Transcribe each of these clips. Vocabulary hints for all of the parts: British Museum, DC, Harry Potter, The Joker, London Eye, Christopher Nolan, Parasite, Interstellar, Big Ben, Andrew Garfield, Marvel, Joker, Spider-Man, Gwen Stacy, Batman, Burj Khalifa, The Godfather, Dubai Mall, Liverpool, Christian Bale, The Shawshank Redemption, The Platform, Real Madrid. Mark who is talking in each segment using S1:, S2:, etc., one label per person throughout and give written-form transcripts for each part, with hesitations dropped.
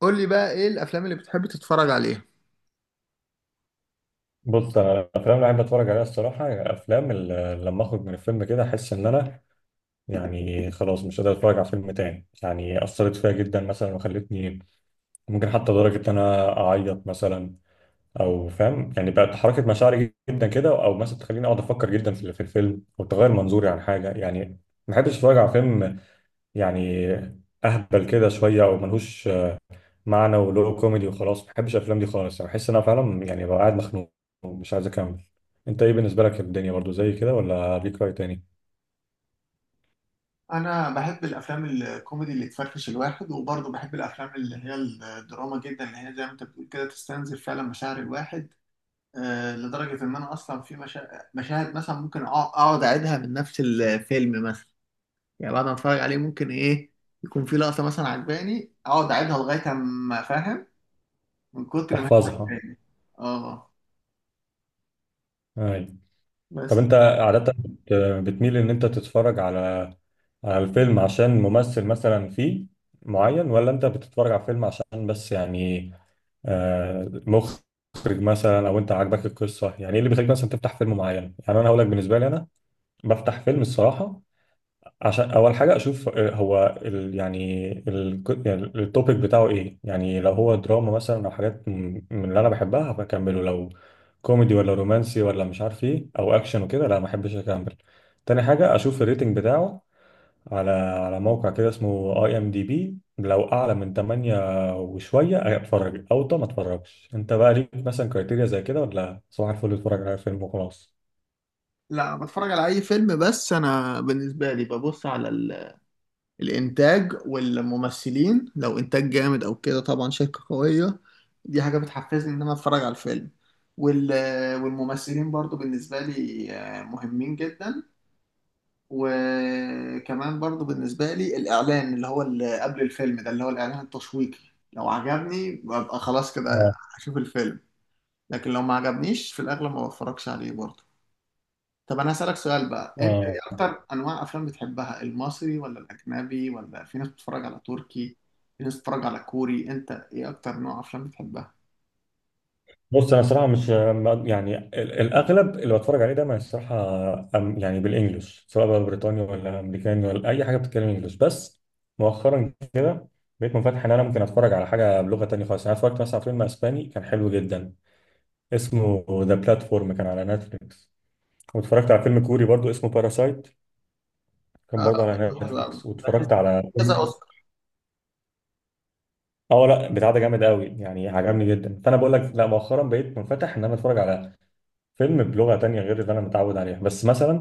S1: قول لي بقى ايه الافلام اللي بتحب تتفرج عليها؟
S2: بص، انا الافلام اللي بحب اتفرج عليها الصراحه، يعني الافلام اللي لما اخرج من الفيلم كده احس ان انا يعني خلاص مش قادر اتفرج على فيلم تاني، يعني اثرت فيا جدا مثلا وخلتني ممكن حتى لدرجه ان انا اعيط مثلا، او فاهم، يعني بقت حركه مشاعري جدا كده، او مثلا تخليني اقعد افكر جدا في الفيلم او تغير منظوري عن حاجه يعني. ما بحبش اتفرج على فيلم يعني اهبل كده شويه او ملهوش معنى، ولو كوميدي وخلاص ما بحبش الافلام دي خالص، يعني بحس ان انا فعلا يعني ببقى قاعد مخنوق ومش عايز اكمل. انت ايه بالنسبه لك؟ الدنيا برضو زي كده ولا ليك راي تاني؟
S1: انا بحب الافلام الكوميدي اللي تفرفش الواحد، وبرضه بحب الافلام اللي هي الدراما جدا، اللي هي زي ما انت بتقول كده تستنزف فعلا مشاعر الواحد. لدرجه ان انا اصلا في مشاهد مثلا ممكن اقعد اعيدها من نفس الفيلم. مثلا يعني بعد ما اتفرج عليه ممكن ايه يكون في لقطه مثلا عجباني، اقعد اعيدها لغايه ما، فاهم، من كتر ما هي
S2: تحفظها.
S1: عجباني. اه،
S2: اي. طب
S1: بس.
S2: انت عاده بتميل ان انت تتفرج على الفيلم عشان ممثل مثلا فيه معين، ولا انت بتتفرج على فيلم عشان بس يعني مخرج مثلا، او انت عاجبك القصه؟ يعني ايه اللي بيخليك مثلا تفتح فيلم معين؟ يعني انا هقول لك بالنسبه لي، انا بفتح فيلم الصراحه عشان اول حاجه اشوف هو ال يعني التوبيك بتاعه ايه، يعني لو هو دراما مثلا او حاجات من اللي انا بحبها بكمله، لو كوميدي ولا رومانسي ولا مش عارف ايه او اكشن وكده لا ما بحبش اكمل. تاني حاجه اشوف الريتنج بتاعه على موقع كده اسمه اي ام دي بي، لو اعلى من 8 وشويه اتفرج، او طب ما اتفرجش. انت بقى ليك مثلا كريتيريا زي كده ولا صباح الفل اتفرج على فيلم وخلاص؟
S1: لا، بتفرج على اي فيلم، بس انا بالنسبه لي ببص على الانتاج والممثلين. لو انتاج جامد او كده، طبعا شركة قوية دي حاجة بتحفزني ان انا اتفرج على الفيلم. وال... والممثلين برضو بالنسبة لي مهمين جدا. وكمان برضو بالنسبة لي الإعلان، اللي هو اللي قبل الفيلم ده، اللي هو الإعلان التشويقي، لو عجبني ببقى خلاص كده
S2: اه.
S1: هشوف الفيلم. لكن لو ما عجبنيش في الأغلب ما بتفرجش عليه برضو. طب انا هسألك سؤال بقى، انت ايه
S2: اه.
S1: اكتر انواع افلام بتحبها؟ المصري ولا الاجنبي؟ ولا في ناس بتتفرج على تركي، في ناس بتتفرج على كوري، انت ايه اكتر نوع افلام بتحبها؟
S2: بص انا صراحه مش يعني الاغلب اللي بتفرج عليه ده ما الصراحه يعني بالانجلش، سواء بقى بريطاني ولا امريكاني ولا اي حاجه بتتكلم انجلش، بس مؤخرا كده بقيت منفتح ان انا ممكن اتفرج على حاجه بلغه تانية خالص. يعني انا اتفرجت مثلا على فيلم اسباني كان حلو جدا اسمه ذا بلاتفورم، كان على نتفليكس، واتفرجت على فيلم كوري برضو اسمه باراسايت، كان
S1: اه،
S2: برضو على
S1: بيبقى حلو قوي،
S2: نتفليكس،
S1: بحس
S2: واتفرجت على
S1: كذا
S2: فيلم.
S1: اوسكار.
S2: اه، لا بتاع ده جامد قوي يعني عجبني جدا. فانا بقول لك لا، مؤخرا بقيت منفتح ان انا اتفرج على فيلم بلغة تانية غير اللي أنا متعود عليها، بس مثلا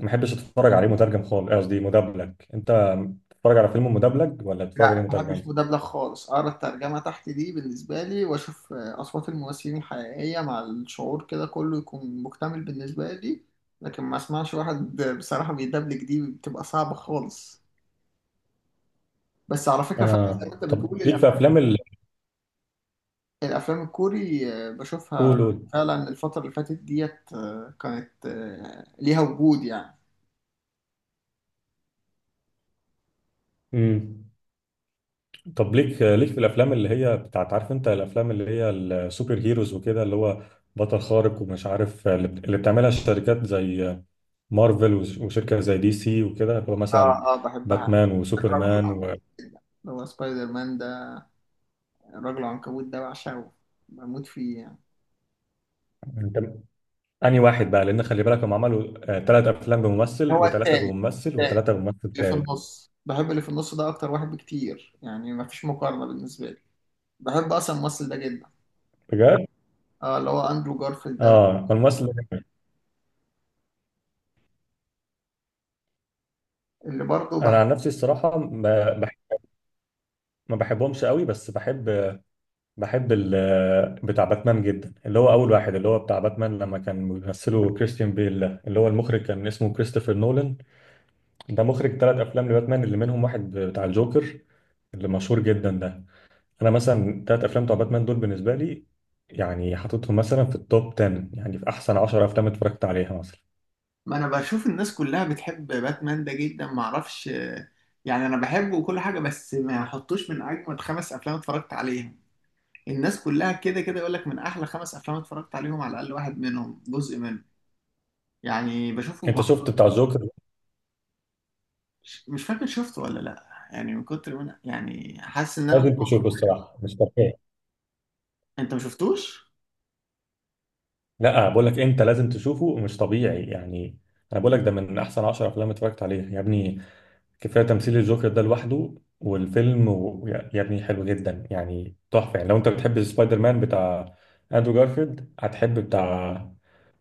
S2: ما بحبش أتفرج عليه مترجم خالص. إيه قصدي؟ مدبلج. أنت بتتفرج على فيلم مدبلج ولا بتتفرج عليه
S1: لا، ما بحبش
S2: مترجم؟
S1: مدبلج خالص. اقرا الترجمه تحت دي بالنسبه لي، واشوف اصوات الممثلين الحقيقيه، مع الشعور كده كله يكون مكتمل بالنسبه لي. لكن ما اسمعش واحد بصراحه بيدبلج، دي بتبقى صعبه خالص. بس على فكره فعلا زي ما انت
S2: طب
S1: بتقول،
S2: ليك في
S1: الافلام
S2: أفلام ال.
S1: الافلام الكوري بشوفها
S2: قول قول.
S1: فعلا الفتره اللي فاتت ديت، كانت ليها وجود يعني.
S2: مم. طب ليك في الأفلام اللي هي بتاعت، عارف أنت الأفلام اللي هي السوبر هيروز وكده، اللي هو بطل خارق ومش عارف، اللي اللي بتعملها الشركات زي مارفل وشركة زي دي سي وكده، اللي هو مثلا
S1: اه، اه، بحبها.
S2: باتمان
S1: الرجل
S2: وسوبرمان
S1: اللي هو سبايدر مان ده، الرجل العنكبوت ده، بعشقه، بموت فيه يعني.
S2: و... انهي واحد بقى؟ لان خلي بالك هم عملوا ثلاث افلام بممثل،
S1: هو
S2: وثلاثه
S1: التاني،
S2: بممثل،
S1: التاني
S2: وثلاثه بممثل
S1: اللي في
S2: ثالث.
S1: النص، بحب اللي في النص ده اكتر واحد بكتير، يعني مفيش مقارنه بالنسبه لي. بحب اصلا الممثل ده جدا.
S2: بجد؟
S1: اه، اللي هو اندرو جارفيلد ده،
S2: اه، الممثل ده جامد.
S1: اللي برضه
S2: انا
S1: بحب.
S2: عن نفسي الصراحه ما بحبهمش قوي، بس بحب بتاع باتمان جدا، اللي هو اول واحد، اللي هو بتاع باتمان لما كان بيمثله كريستيان بيل، ده اللي هو المخرج كان اسمه كريستوفر نولان. ده مخرج ثلاث افلام لباتمان اللي منهم واحد بتاع الجوكر اللي مشهور جدا ده. انا مثلا تلات افلام بتوع باتمان دول بالنسبه لي، يعني حاططهم مثلا في التوب 10، يعني في احسن 10 افلام اتفرجت عليها مثلا.
S1: ما انا بشوف الناس كلها بتحب باتمان ده جدا، ما اعرفش يعني. انا بحبه وكل حاجه، بس ما احطوش من اجمد خمس افلام اتفرجت عليهم. الناس كلها كده كده يقول لك من احلى خمس افلام اتفرجت عليهم على الاقل واحد منهم جزء منه، يعني بشوفه
S2: انت شفت بتاع الجوكر؟
S1: مش فاكر شفته ولا لا، يعني من كتر من، يعني حاسس ان انا ممكن
S2: لازم تشوفه، الصراحه مش طبيعي.
S1: انت ما شفتوش.
S2: لا بقول لك انت لازم تشوفه مش طبيعي، يعني انا بقول لك ده من احسن 10 افلام اتفرجت عليها يا ابني. كفايه تمثيل الجوكر ده لوحده والفيلم يا ابني حلو جدا يعني تحفه. يعني لو انت بتحب سبايدر مان بتاع اندرو جارفيلد، هتحب بتاع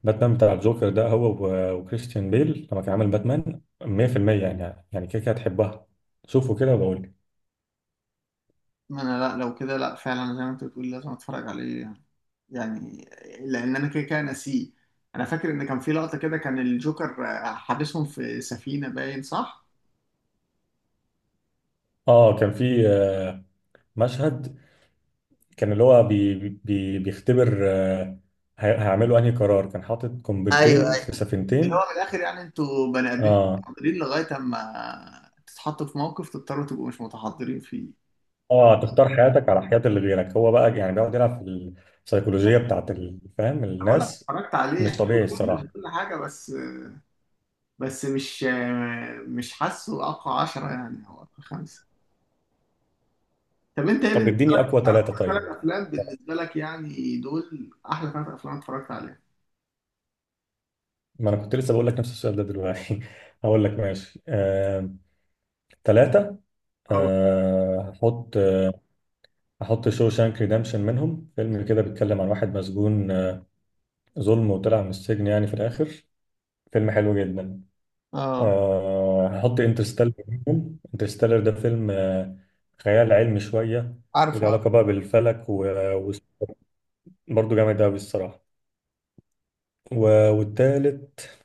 S2: باتمان بتاع الجوكر ده، هو وكريستيان بيل لما كان عامل باتمان 100%، يعني كده كده هتحبها. شوفوا كده وبقول لي.
S1: ما انا، لا لو كده لا، فعلا زي ما انت بتقول لازم اتفرج عليه يعني، يعني لان انا كده كده ناسيه. انا فاكر ان كان في لقطه كده، كان الجوكر حابسهم في سفينه، باين صح.
S2: اه كان في مشهد كان اللي هو بيختبر هيعملوا انهي قرار، كان حاطط
S1: ايوه،
S2: قنبلتين في
S1: ايوه، اللي هو
S2: سفينتين.
S1: من الاخر يعني انتوا بني ادمين
S2: اه.
S1: متحضرين لغايه اما تتحطوا في موقف تضطروا تبقوا مش متحضرين فيه.
S2: اه، تختار حياتك على حياة اللي غيرك. هو بقى يعني بيقعد يلعب في السيكولوجية بتاعت فاهم
S1: أنا بقول لك
S2: الناس.
S1: اتفرجت عليه،
S2: مش
S1: حلو
S2: طبيعي الصراحة.
S1: جدا كل حاجه، بس مش حاسه اقوى 10 يعني، او اقوى خمسه. طب انت ايه
S2: طب
S1: بالنسبه؟
S2: اديني أقوى ثلاثة
S1: ثلاث
S2: طيب.
S1: افلام بالنسبه لك يعني دول احلى ثلاث افلام اتفرجت عليها.
S2: ما أنا كنت لسه بقول لك نفس السؤال ده دلوقتي هقول لك ماشي، ثلاثة.
S1: اه،
S2: هحط. هحط شو شانك ريدمشن منهم، فيلم كده بيتكلم عن واحد مسجون ظلم وطلع من السجن يعني في الآخر. فيلم حلو جدا.
S1: اه،
S2: هحط انترستيلر منهم. انترستيلر ده فيلم خيال علمي شوية،
S1: عارفه
S2: وله
S1: عارفه.
S2: علاقة بقى بالفلك، وبرضه جامد أوي الصراحة. والتالت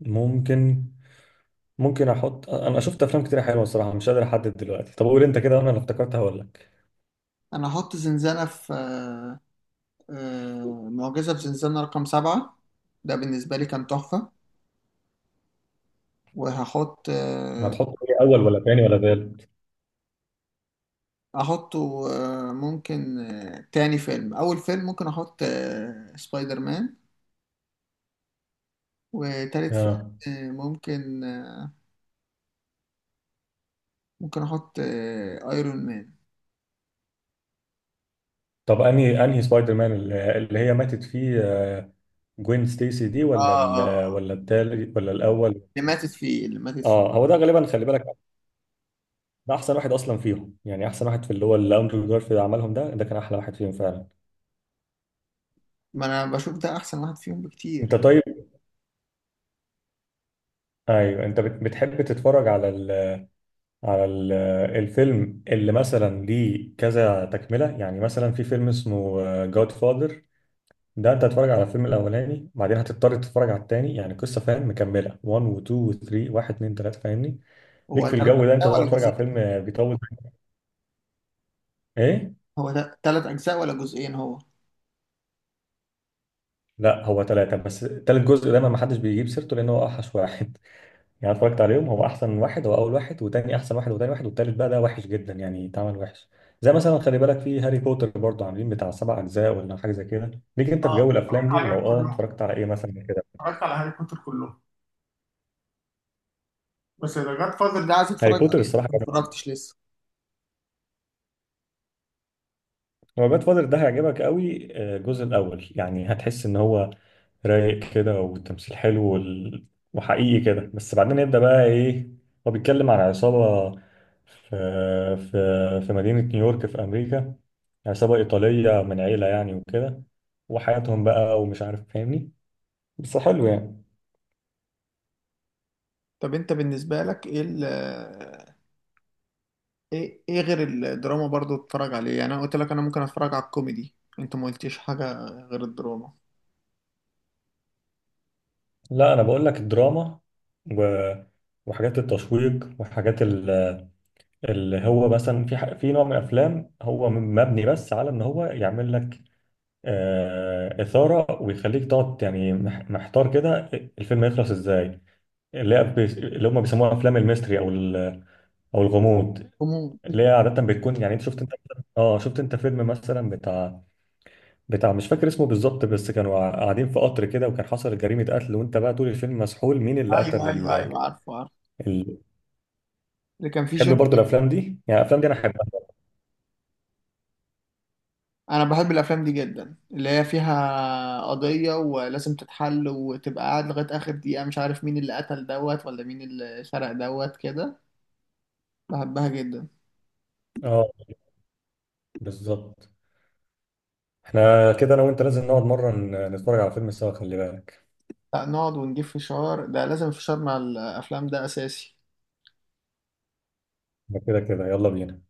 S2: ممكن أحط. أنا شفت أفلام كتير حلوة الصراحة، مش قادر أحدد دلوقتي. طب قول أنت كده وأنا اللي افتكرتها هقول لك.
S1: انا هحط زنزانة في معجزة في زنزانة رقم سبعة، ده بالنسبة لي كان تحفة. وهحط آه،
S2: هتحط إيه؟ أول ولا تاني ولا تالت؟
S1: احطه آه، ممكن آه، تاني فيلم، اول فيلم ممكن احط سبايدر مان. وتالت
S2: آه.
S1: فيلم ممكن احط ايرون مان.
S2: طب أنهي سبايدر مان اللي هي ماتت فيه، جوين ستيسي دي،
S1: اه،
S2: ولا
S1: اه، آه.
S2: ولا التالت ولا الأول؟
S1: اللي ماتت فيه، اللي ماتت فيه.
S2: اه هو ده غالبا. خلي بالك ده احسن واحد اصلا فيهم، يعني احسن واحد في اللي هو اللي اندرو جارفيلد عملهم، ده كان احلى واحد فيهم فعلا.
S1: ما انا بشوف ده احسن واحد فيهم
S2: انت
S1: بكتير.
S2: طيب. ايوه انت بتحب تتفرج على ال على ال الفيلم اللي مثلا ليه كذا تكمله؟ يعني مثلا في فيلم اسمه جاد فاذر، ده انت هتتفرج على الفيلم الاولاني بعدين هتضطر تتفرج على التاني، يعني قصه فاهم مكمله، 1 و 2 و 3، 1 2 3 فاهمني؟
S1: هو
S2: ليك في
S1: ثلاث
S2: الجو ده انت
S1: أجزاء
S2: تقعد
S1: ولا
S2: تتفرج على فيلم
S1: جزئين؟
S2: بيطول؟ ايه؟
S1: هو ثلاث أجزاء ولا جزئين؟ هو.
S2: لا هو ثلاثه بس، ثالث جزء دايما ما حدش بيجيب سيرته لان هو اوحش واحد. يعني اتفرجت عليهم، هو احسن واحد هو اول واحد، وتاني احسن واحد وتاني واحد، والتالت بقى ده وحش جدا يعني اتعمل وحش. زي مثلا خلي بالك في هاري بوتر برضه عاملين بتاع سبع اجزاء ولا حاجه زي كده. ليك انت في
S1: اه،
S2: جو
S1: اتفرجت
S2: الافلام دي؟ ولو
S1: عليهم
S2: اه،
S1: كلهم،
S2: اتفرجت على ايه مثلا كده؟
S1: اتفرجت على هاري بوتر كلهم. بس ذا جاد فاذر ده عايز اتفرج
S2: هاري بوتر
S1: عليه
S2: الصراحه.
S1: ما اتفرجتش لسه.
S2: هو باد فاذر ده هيعجبك قوي، الجزء الاول يعني هتحس ان هو رايق كده، والتمثيل حلو وحقيقي كده، بس بعدين يبدأ بقى ايه، هو بيتكلم عن عصابة في في مدينة نيويورك في أمريكا، عصابة إيطالية من عيلة يعني وكده، وحياتهم بقى ومش عارف فاهمني، بس حلو يعني.
S1: طب انت بالنسبة لك ايه ال ايه ايه غير الدراما برضو تتفرج عليه؟ يعني انا قلت لك انا ممكن اتفرج على الكوميدي، انت ما قلتيش حاجة غير الدراما.
S2: لا أنا بقول لك الدراما و... وحاجات التشويق وحاجات، اللي هو مثلا في في نوع من الافلام هو مبني بس على ان هو يعمل لك اثاره ويخليك تقعد يعني محتار كده الفيلم يخلص ازاي. اللي هي اللي هم بيسموها افلام الميستري او او الغموض،
S1: كومو.
S2: اللي هي عاده بتكون يعني. انت شفت انت؟ اه شفت انت فيلم مثلا بتاع مش فاكر اسمه بالظبط، بس كانوا قاعدين في قطر كده وكان حصل جريمه قتل، وانت بقى طول الفيلم مسحول مين اللي
S1: ايوه،
S2: قتل
S1: ايوه، ايوه، عارفه عارفه.
S2: ال...
S1: اللي كان فيه
S2: تحب
S1: جون.
S2: برضه الافلام دي؟ يعني الافلام دي انا احبها.
S1: انا بحب الافلام دي جدا، اللي هي فيها قضية ولازم تتحل، وتبقى قاعد لغاية اخر دقيقة مش عارف مين اللي قتل دوت، ولا مين اللي سرق دوت كده. بحبها جدا.
S2: اه بالظبط. احنا كده انا وانت لازم نقعد مرة نتفرج على فيلم سوا خلي بالك.
S1: لا، نقعد ونجيب فشار، ده لازم، فشار مع الافلام ده اساسي.
S2: ده كده كده، يلا بينا.